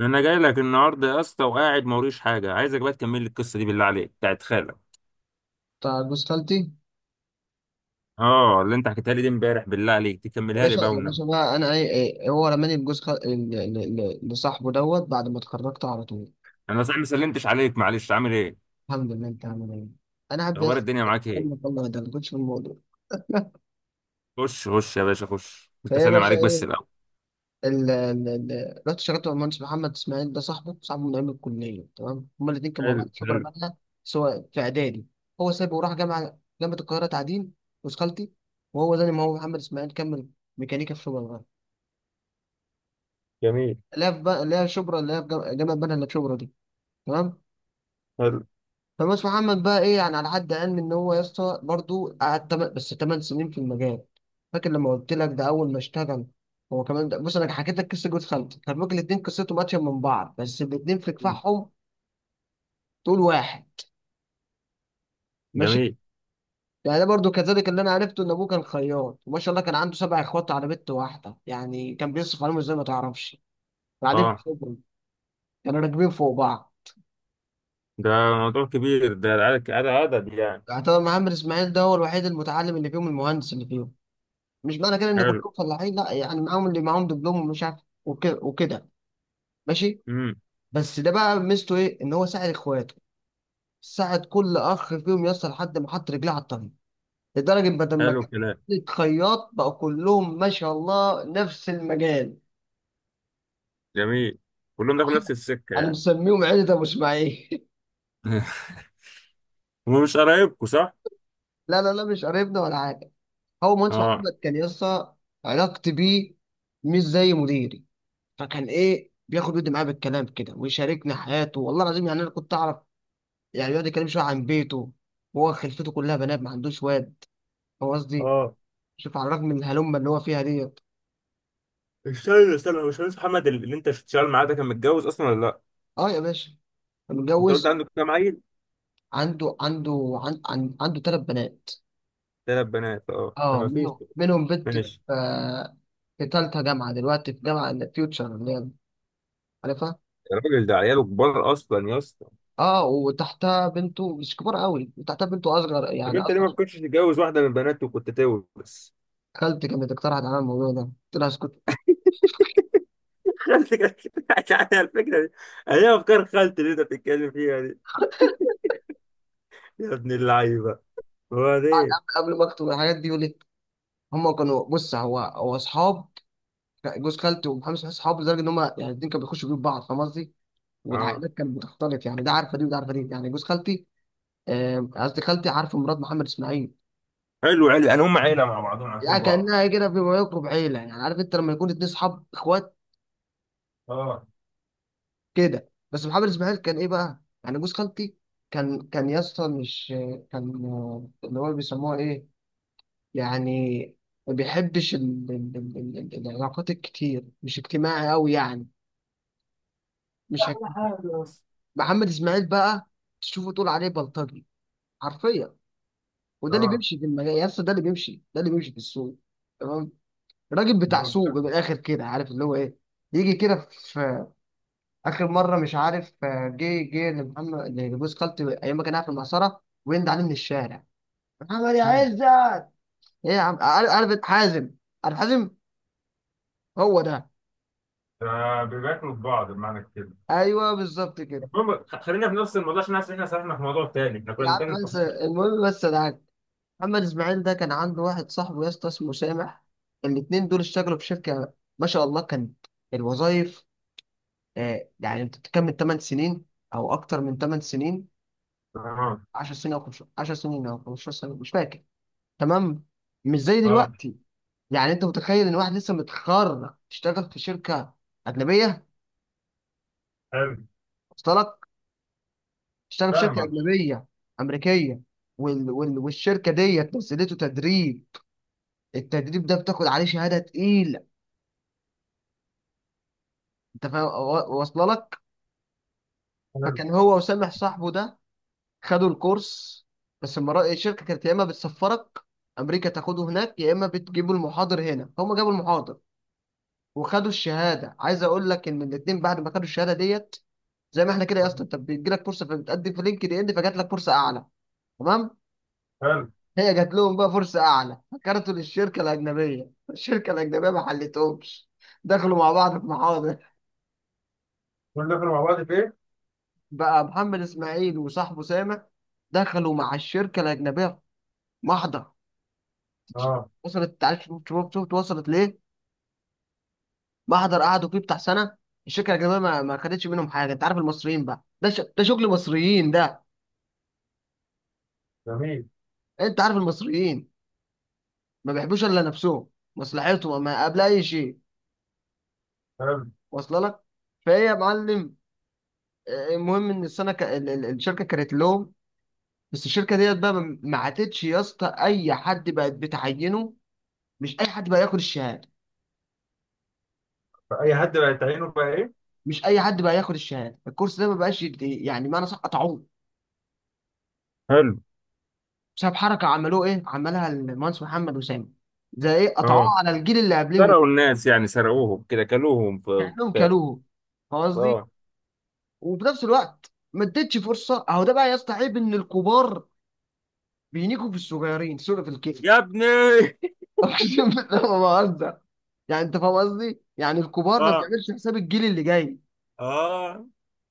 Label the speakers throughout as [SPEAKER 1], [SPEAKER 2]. [SPEAKER 1] انا جاي لك النهارده يا اسطى وقاعد موريش حاجه، عايزك بقى تكمل لي القصه دي بالله عليك، بتاعت خالك،
[SPEAKER 2] بتاع جوز خالتي.
[SPEAKER 1] اه، اللي انت حكيتها لي دي امبارح، بالله عليك
[SPEAKER 2] يا
[SPEAKER 1] تكملها لي
[SPEAKER 2] باشا
[SPEAKER 1] بقى
[SPEAKER 2] يا
[SPEAKER 1] والنبي.
[SPEAKER 2] باشا بقى انا ايه إيه، إيه، هو رماني لجوز خال... ل- ل- ل- لصاحبه دوت بعد ما اتخرجت على طول.
[SPEAKER 1] انا صحيح ما سلمتش عليك، معلش. عامل ايه؟
[SPEAKER 2] الحمد لله. انت عامل ايه؟ انا قاعد
[SPEAKER 1] اخبار
[SPEAKER 2] بس.
[SPEAKER 1] الدنيا معاك
[SPEAKER 2] الله
[SPEAKER 1] ايه؟
[SPEAKER 2] الله، ده ما كنتش في الموضوع.
[SPEAKER 1] خش خش يا باشا، خش، انت
[SPEAKER 2] فهي يا
[SPEAKER 1] سلم
[SPEAKER 2] باشا
[SPEAKER 1] عليك بس
[SPEAKER 2] ايه.
[SPEAKER 1] الاول.
[SPEAKER 2] رحت شغلت مع المهندس محمد اسماعيل ده، صاحبه من ايام الكليه، تمام؟ هما الاثنين كانوا مع
[SPEAKER 1] حلو
[SPEAKER 2] بعض، خبره
[SPEAKER 1] حلو.
[SPEAKER 2] بقى، سواء في اعدادي. هو سابه وراح جامعه القاهره تعدين، جوز خالتي. وهو زي ما هو محمد اسماعيل كمل ميكانيكا في شبرا.
[SPEAKER 1] جميل.
[SPEAKER 2] لا في بقى، لا شبرا، لا في جامعه بنها الا في شبرا دي. تمام.
[SPEAKER 1] حلو.
[SPEAKER 2] فمس محمد بقى ايه يعني، على حد علمي ان هو يا اسطى برضه قعد بس 8 سنين في المجال. فاكر لما قلت لك ده اول ما اشتغل. هو كمان ده، بص، انا حكيت لك قصه جوز خالتي، كان ممكن الاثنين قصتهم اتشابه من بعض، بس الاثنين في
[SPEAKER 1] مم.
[SPEAKER 2] كفاحهم طول واحد. ماشي.
[SPEAKER 1] جميل.
[SPEAKER 2] يعني ده برضه كذلك، اللي انا عرفته ان ابوه كان خياط، وما شاء الله كان عنده سبع اخوات على بنت واحده. يعني كان بيصرف عليهم ازاي، ما تعرفش. قاعدين في
[SPEAKER 1] اه.
[SPEAKER 2] شبرا، كانوا راكبين فوق بعض.
[SPEAKER 1] ده موضوع كبير، ده عدد يعني.
[SPEAKER 2] يعتبر محمد اسماعيل ده هو الوحيد المتعلم اللي فيهم، المهندس اللي فيهم. مش معنى كده ان
[SPEAKER 1] حلو.
[SPEAKER 2] كلكم فلاحين، لا، يعني معاهم اللي معاهم دبلوم ومش عارف وكده وكده. ماشي.
[SPEAKER 1] امم
[SPEAKER 2] بس ده بقى ميزته ايه، ان هو ساعد اخواته، ساعد كل اخ فيهم يصل لحد ما حط رجليه على الطريق. لدرجه بدل ما
[SPEAKER 1] حلو
[SPEAKER 2] كان
[SPEAKER 1] الكلام.
[SPEAKER 2] خياط بقى كلهم ما شاء الله نفس المجال.
[SPEAKER 1] جميل. كلهم داخل نفس السكه
[SPEAKER 2] انا
[SPEAKER 1] يعني.
[SPEAKER 2] مسميهم عيله ابو اسماعيل
[SPEAKER 1] ومش قرايبكم صح؟
[SPEAKER 2] لا لا لا، مش قريبنا ولا حاجه. هو مهندس
[SPEAKER 1] اه.
[SPEAKER 2] محمد كان يسطا علاقتي بيه مش زي مديري. فكان ايه، بياخد ودي معاه بالكلام كده ويشاركني حياته، والله العظيم، يعني انا كنت اعرف. يعني بيقعد يتكلم شوية عن بيته. هو خلفته كلها بنات، ما عندوش واد. هو قصدي شوف على الرغم من الهلمة اللي هو فيها ديت.
[SPEAKER 1] استنى استنى، هو باشمهندس محمد اللي انت شغال معاه ده كان متجوز اصلا ولا لا؟
[SPEAKER 2] اه يا باشا،
[SPEAKER 1] انت قلت
[SPEAKER 2] متجوز.
[SPEAKER 1] عنده كام عيل؟
[SPEAKER 2] عنده عنده عن عن عنده ثلاث بنات.
[SPEAKER 1] ثلاث بنات، اه، لا
[SPEAKER 2] اه،
[SPEAKER 1] ما فيش.
[SPEAKER 2] منهم بنت في
[SPEAKER 1] ماشي.
[SPEAKER 2] في ثالثة جامعة دلوقتي، في جامعة فيوتشر، اللي هي عارفها.
[SPEAKER 1] الراجل ده عياله كبار اصلا يا اسطى.
[SPEAKER 2] اه، وتحتها بنته مش كبار قوي، وتحتها بنته اصغر،
[SPEAKER 1] طب
[SPEAKER 2] يعني
[SPEAKER 1] انت ليه ما
[SPEAKER 2] اصغر.
[SPEAKER 1] كنتش تتجوز واحده من بناته وكنت تورث؟
[SPEAKER 2] خالتي كانت اقترحت على الموضوع ده، قلت لها اسكت
[SPEAKER 1] خالتي كانت يعني الفكره دي. هي افكار خالتي اللي انت بتتكلم فيها دي، يا ابن اللعيبه. هو ده.
[SPEAKER 2] قبل ما اكتب الحاجات دي يقول لي. هم كانوا، بص، هو اصحاب. لا، جوز خالته ومحمد صلاح اصحابه لدرجه ان هم يعني الاثنين كانوا بيخشوا بيوت بعض، فاهم قصدي؟
[SPEAKER 1] اه.
[SPEAKER 2] والعائلات كانت بتختلط، يعني ده عارفه دي وده عارفه دي، يعني جوز خالتي قصدي خالتي عارفه مرات محمد اسماعيل.
[SPEAKER 1] حلو حلو، يعني هم عيله مع بعضهم، عارفين
[SPEAKER 2] يعني
[SPEAKER 1] بعض.
[SPEAKER 2] كانها كده بما يقرب عيله، يعني عارف انت لما يكون اتنين اصحاب اخوات
[SPEAKER 1] اه.
[SPEAKER 2] كده. بس محمد اسماعيل كان ايه بقى؟ يعني جوز خالتي كان يا اسطى مش كان اللي هو بيسموها ايه؟ يعني ما بيحبش العلاقات الكتير، مش اجتماعي قوي يعني. مش هك...
[SPEAKER 1] كل حاجة يا اسطى.
[SPEAKER 2] محمد اسماعيل بقى تشوفه تقول عليه بلطجي، حرفيا. وده اللي
[SPEAKER 1] اه،
[SPEAKER 2] بيمشي في المجال يا اسطى، ده اللي بيمشي، ده اللي بيمشي في السوق. تمام. راجل بتاع سوق
[SPEAKER 1] بالظبط.
[SPEAKER 2] من الاخر كده، عارف اللي هو ايه. يجي كده في اخر مره، مش عارف، جه لمحمد لجوز خالتي ايام ما كان قاعد في المعصره، ويند عليه من الشارع، محمد يا
[SPEAKER 1] مم.
[SPEAKER 2] عزت. ايه يا عم؟ عارف حازم، عارف حازم. هو ده.
[SPEAKER 1] آه، بياكلوا في بعض بمعنى كده.
[SPEAKER 2] ايوه بالظبط كده.
[SPEAKER 1] المهم خلينا في نفس الموضوع عشان حاسس ان احنا سرحنا في موضوع تاني، احنا كنا
[SPEAKER 2] يا
[SPEAKER 1] بنتكلم
[SPEAKER 2] عم
[SPEAKER 1] في،
[SPEAKER 2] بس المهم، بس ده عارف. محمد اسماعيل ده كان عنده واحد صاحبه يا اسطى اسمه سامح. الاتنين دول اشتغلوا في شركه، ما شاء الله. كان الوظائف يعني انت بتكمل 8 سنين او اكتر من 8 سنين،
[SPEAKER 1] اه.
[SPEAKER 2] 10 سنين، او 10 سنين او 15 سنه مش فاكر، تمام؟ مش زي
[SPEAKER 1] اه.
[SPEAKER 2] دلوقتي. يعني انت متخيل ان واحد لسه متخرج اشتغل في شركه اجنبيه؟
[SPEAKER 1] حلو.
[SPEAKER 2] وصلك. اشتغل في شركه
[SPEAKER 1] فاهمك.
[SPEAKER 2] اجنبيه امريكيه، والشركه ديت نزلته تدريب. التدريب ده بتاخد عليه شهاده تقيله، انت فاهم، واصله لك.
[SPEAKER 1] حلو
[SPEAKER 2] فكان هو وسامح صاحبه ده خدوا الكورس. بس المرة الشركة كانت يا إما بتسفرك أمريكا تاخده هناك، يا إما بتجيبوا المحاضر هنا، فهم جابوا المحاضر وخدوا الشهادة. عايز أقول لك إن الاتنين بعد ما خدوا الشهادة ديت، زي ما إحنا كده يا اسطى، أنت بيجيلك فرصة فبتقدم في لينكد إن، فجات لك فرصة أعلى، تمام؟
[SPEAKER 1] حلو.
[SPEAKER 2] هي جات لهم بقى فرصة أعلى، فكرتوا للشركة الأجنبية، الشركة الأجنبية ما حلتهمش. دخلوا مع بعض في محاضر.
[SPEAKER 1] كل ده كنا مع بعض في ايه؟
[SPEAKER 2] بقى محمد إسماعيل وصاحبه سامح دخلوا مع الشركة الأجنبية في محضر.
[SPEAKER 1] اه.
[SPEAKER 2] وصلت؟ عارف، شوف وصلت ليه. محضر قعدوا فيه بتاع سنه، الشركه الاجنبيه ما خدتش منهم حاجه. انت عارف المصريين بقى، ده شغل مصريين ده.
[SPEAKER 1] جميل.
[SPEAKER 2] انت عارف المصريين، ما بيحبوش الا نفسهم، مصلحتهم ما قبل اي شيء.
[SPEAKER 1] حلو.
[SPEAKER 2] واصله لك. فهي يا معلم، المهم ان السنه الشركه كانت لهم. بس الشركه ديت بقى، ما عاتتش يا اسطى اي حد بقت بتعينه. مش اي حد بقى ياخد الشهاده،
[SPEAKER 1] فأي حد بقت عينه بقى ايه؟
[SPEAKER 2] مش اي حد بقى ياخد الشهاده. الكورس ده ما بقاش يعني معنى صح قطعوه،
[SPEAKER 1] حلو.
[SPEAKER 2] بسبب حركه عملوه ايه، عملها المهندس محمد وسامي. زي ايه؟
[SPEAKER 1] اه،
[SPEAKER 2] قطعوه على الجيل اللي قبليهم،
[SPEAKER 1] سرقوا الناس يعني، سرقوهم كده، كلوهم في
[SPEAKER 2] كانهم
[SPEAKER 1] بتاع.
[SPEAKER 2] كلوه، فاهم قصدي؟
[SPEAKER 1] اه.
[SPEAKER 2] وفي نفس الوقت ما اديتش فرصه. اهو ده بقى يستعيب، ان الكبار بينيكوا في الصغيرين، سوري في الكيف.
[SPEAKER 1] يا ابني.
[SPEAKER 2] اقسم بالله ما بهزر، يعني انت فاهم قصدي، يعني الكبار ما
[SPEAKER 1] اه.
[SPEAKER 2] بيعملش حساب الجيل اللي جاي.
[SPEAKER 1] اه.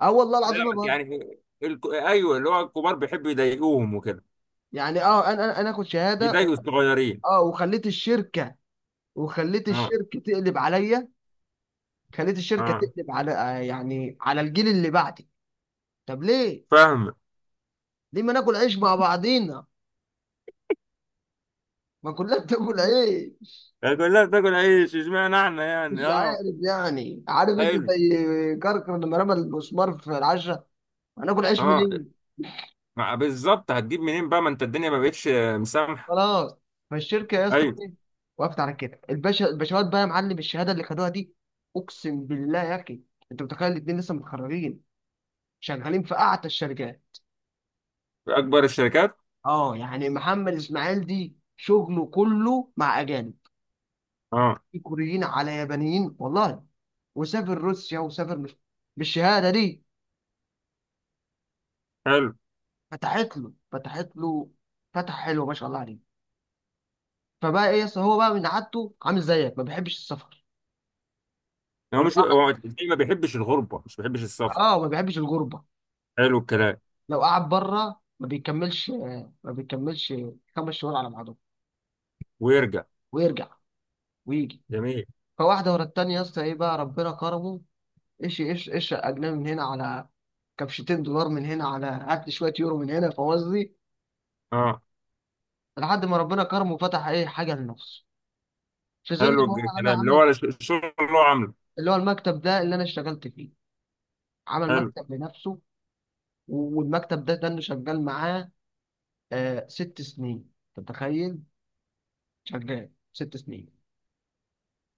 [SPEAKER 2] اه والله العظيم ما
[SPEAKER 1] فاهمك
[SPEAKER 2] بهزر.
[SPEAKER 1] يعني. في الك... ايوه، اللي هو الكبار بيحبوا يضايقوهم وكده،
[SPEAKER 2] يعني اه، انا اخد شهاده
[SPEAKER 1] يضايقوا الصغيرين.
[SPEAKER 2] اه، وخليت الشركه، وخليت
[SPEAKER 1] اه.
[SPEAKER 2] الشركه تقلب عليا، خليت الشركه
[SPEAKER 1] اه.
[SPEAKER 2] تقلب على يعني على الجيل اللي بعدي. طب ليه؟
[SPEAKER 1] فاهمك.
[SPEAKER 2] ليه ما ناكل عيش مع بعضينا، ما كلنا بتاكل عيش.
[SPEAKER 1] كلها بتاكل عيش، اشمعنى احنا
[SPEAKER 2] مش
[SPEAKER 1] يعني؟ اه.
[SPEAKER 2] عارف، يعني عارف انت
[SPEAKER 1] حلو.
[SPEAKER 2] زي كركر لما رمى المسمار في العشرة، هناكل عيش
[SPEAKER 1] اه.
[SPEAKER 2] منين.
[SPEAKER 1] مع- بالظبط، هتجيب منين بقى؟ ما انت الدنيا ما بقتش مسامحه.
[SPEAKER 2] خلاص. فالشركة يا اسطى
[SPEAKER 1] ايوه.
[SPEAKER 2] ايه؟ وقفت على كده. الباشا الباشوات بقى يا معلم، الشهادة اللي خدوها دي، اقسم بالله يا اخي، انت متخيل الاتنين لسه متخرجين شغالين في اعتى الشركات.
[SPEAKER 1] اكبر الشركات.
[SPEAKER 2] اه يعني محمد اسماعيل دي شغله كله مع اجانب،
[SPEAKER 1] اه.
[SPEAKER 2] في كوريين على يابانيين والله، وسافر روسيا وسافر مش... بالشهادة دي
[SPEAKER 1] حلو.
[SPEAKER 2] فتحت له فتحة حلوة ما شاء الله عليه. فبقى ايه، يس هو بقى من عادته عامل زيك، ما بيحبش السفر،
[SPEAKER 1] هو
[SPEAKER 2] ولو
[SPEAKER 1] مش
[SPEAKER 2] قعد،
[SPEAKER 1] هو الدنيا ما بيحبش الغربه، مش بيحبش السفر.
[SPEAKER 2] اه، ما بيحبش الغربة.
[SPEAKER 1] حلو الكلام.
[SPEAKER 2] لو قعد بره ما بيكملش ما بيكملش خمس شهور على بعضهم،
[SPEAKER 1] ويرجع.
[SPEAKER 2] ويرجع ويجي.
[SPEAKER 1] جميل.
[SPEAKER 2] فواحدة ورا التانية يا اسطى، ايه بقى، ربنا كرمه. ايش ايش ايش اجنبي من هنا، على كبشتين دولار من هنا، على هات شوية يورو من هنا، فاهم قصدي؟
[SPEAKER 1] اه.
[SPEAKER 2] لحد ما ربنا كرمه وفتح ايه حاجة لنفسه، في ظل
[SPEAKER 1] حلو
[SPEAKER 2] ما هو عمل
[SPEAKER 1] الكلام، اللي
[SPEAKER 2] عمل
[SPEAKER 1] هو الشغل اللي هو عامله.
[SPEAKER 2] اللي هو المكتب ده اللي انا اشتغلت فيه. عمل
[SPEAKER 1] حلو.
[SPEAKER 2] مكتب لنفسه، والمكتب ده اللي شغال معاه آه ست سنين، انت متخيل؟ شغال ست سنين.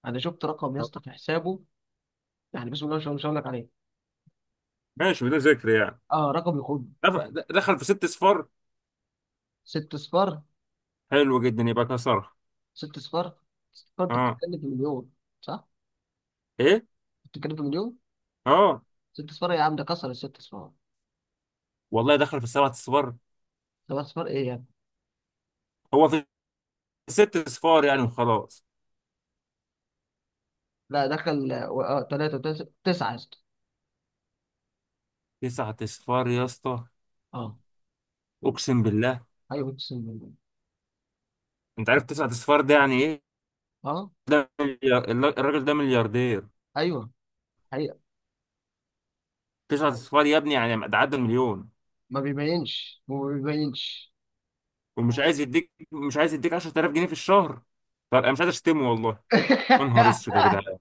[SPEAKER 2] انا شفت رقم يا اسطى
[SPEAKER 1] آه.
[SPEAKER 2] في حسابه، يعني بسم الله ما شاء الله، مش هقول لك عليه.
[SPEAKER 1] ماشي بدون ذكر يعني.
[SPEAKER 2] اه، رقم يخد.
[SPEAKER 1] دخل في ست صفار.
[SPEAKER 2] ست صفار،
[SPEAKER 1] حلو جدا، يبقى كسرها.
[SPEAKER 2] ست صفار. ست صفار انت
[SPEAKER 1] اه.
[SPEAKER 2] بتتكلم في مليون، صح؟
[SPEAKER 1] ايه.
[SPEAKER 2] بتتكلم في مليون.
[SPEAKER 1] اه،
[SPEAKER 2] ست صفار يا عم، ده كسر الست صفار.
[SPEAKER 1] والله دخل في سبعة صفار.
[SPEAKER 2] سبع صفار ايه يعني؟
[SPEAKER 1] هو في ست صفار يعني وخلاص.
[SPEAKER 2] لا، دخل اه ثلاثة تسعة يا اسطى.
[SPEAKER 1] تسعة اصفار يا اسطى،
[SPEAKER 2] اه،
[SPEAKER 1] اقسم بالله.
[SPEAKER 2] ايوه 90 مليون،
[SPEAKER 1] انت عارف تسعة اصفار ده يعني ايه؟
[SPEAKER 2] اه،
[SPEAKER 1] ده مليار. الراجل ده ملياردير.
[SPEAKER 2] ايوه، حقيقة.
[SPEAKER 1] تسعة اصفار يا ابني، يعني ده عدى المليون.
[SPEAKER 2] ما بيبينش ما بيبينش.
[SPEAKER 1] ومش عايز يديك، مش عايز يديك 10,000 جنيه في الشهر. فابقى مش عايز اشتمه والله. يا نهار اسود يا جدعان.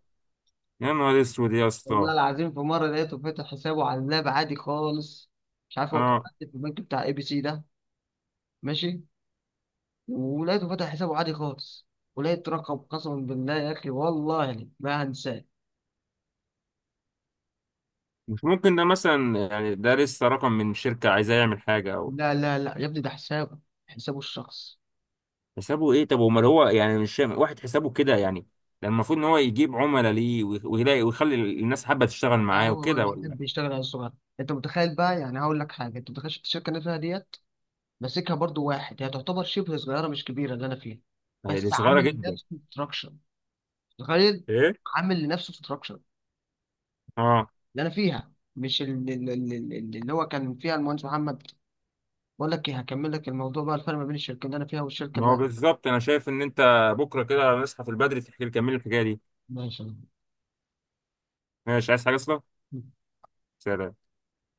[SPEAKER 1] يا نهار اسود يا اسطى.
[SPEAKER 2] والله العظيم في مرة لقيته فاتح حسابه على اللاب عادي خالص، مش عارف، هو كان
[SPEAKER 1] اه.
[SPEAKER 2] قاعد في البنك بتاع ABC ده. ماشي. ولقيته فاتح حسابه عادي خالص، ولقيت رقم، قسما بالله يا اخي والله ما هنساه.
[SPEAKER 1] مش ممكن. ده مثلا يعني ده لسه رقم من شركة عايزاه يعمل حاجة، او
[SPEAKER 2] لا لا لا يا ابني، ده حسابه، حسابه الشخص.
[SPEAKER 1] حسابه ايه؟ طب امال، هو يعني مش واحد حسابه كده يعني؟ ده المفرويد ان هو يجيب عملاء ليه، ويلاقي ويخلي الناس حابة تشتغل
[SPEAKER 2] لا
[SPEAKER 1] معاه
[SPEAKER 2] هو بقى
[SPEAKER 1] وكده، ولا؟
[SPEAKER 2] بيحب يشتغل على الصغير. انت متخيل بقى، يعني هقول لك حاجه، انت متخيل الشركه اللي أنا فيها ديت، ماسكها برضو واحد، هي تعتبر شبه صغيره مش كبيره اللي انا فيها.
[SPEAKER 1] ما هي دي
[SPEAKER 2] بس
[SPEAKER 1] صغيرة
[SPEAKER 2] عامل
[SPEAKER 1] جدا.
[SPEAKER 2] لنفسه ستراكشر، تخيل.
[SPEAKER 1] ايه.
[SPEAKER 2] عامل لنفسه ستراكشر
[SPEAKER 1] اه.
[SPEAKER 2] اللي انا فيها، مش اللي, اللي, اللي اللي هو كان فيها المهندس محمد. بقول لك ايه، هكمل لك الموضوع بقى، الفرق ما بين الشركه اللي انا فيها والشركه
[SPEAKER 1] ما هو
[SPEAKER 2] اللي
[SPEAKER 1] بالظبط، انا شايف ان انت بكرة كده نصحى في البدري تحكي لي، كمل الحكاية دي.
[SPEAKER 2] ماشي
[SPEAKER 1] ماشي. عايز حاجة اصلا؟ سلام.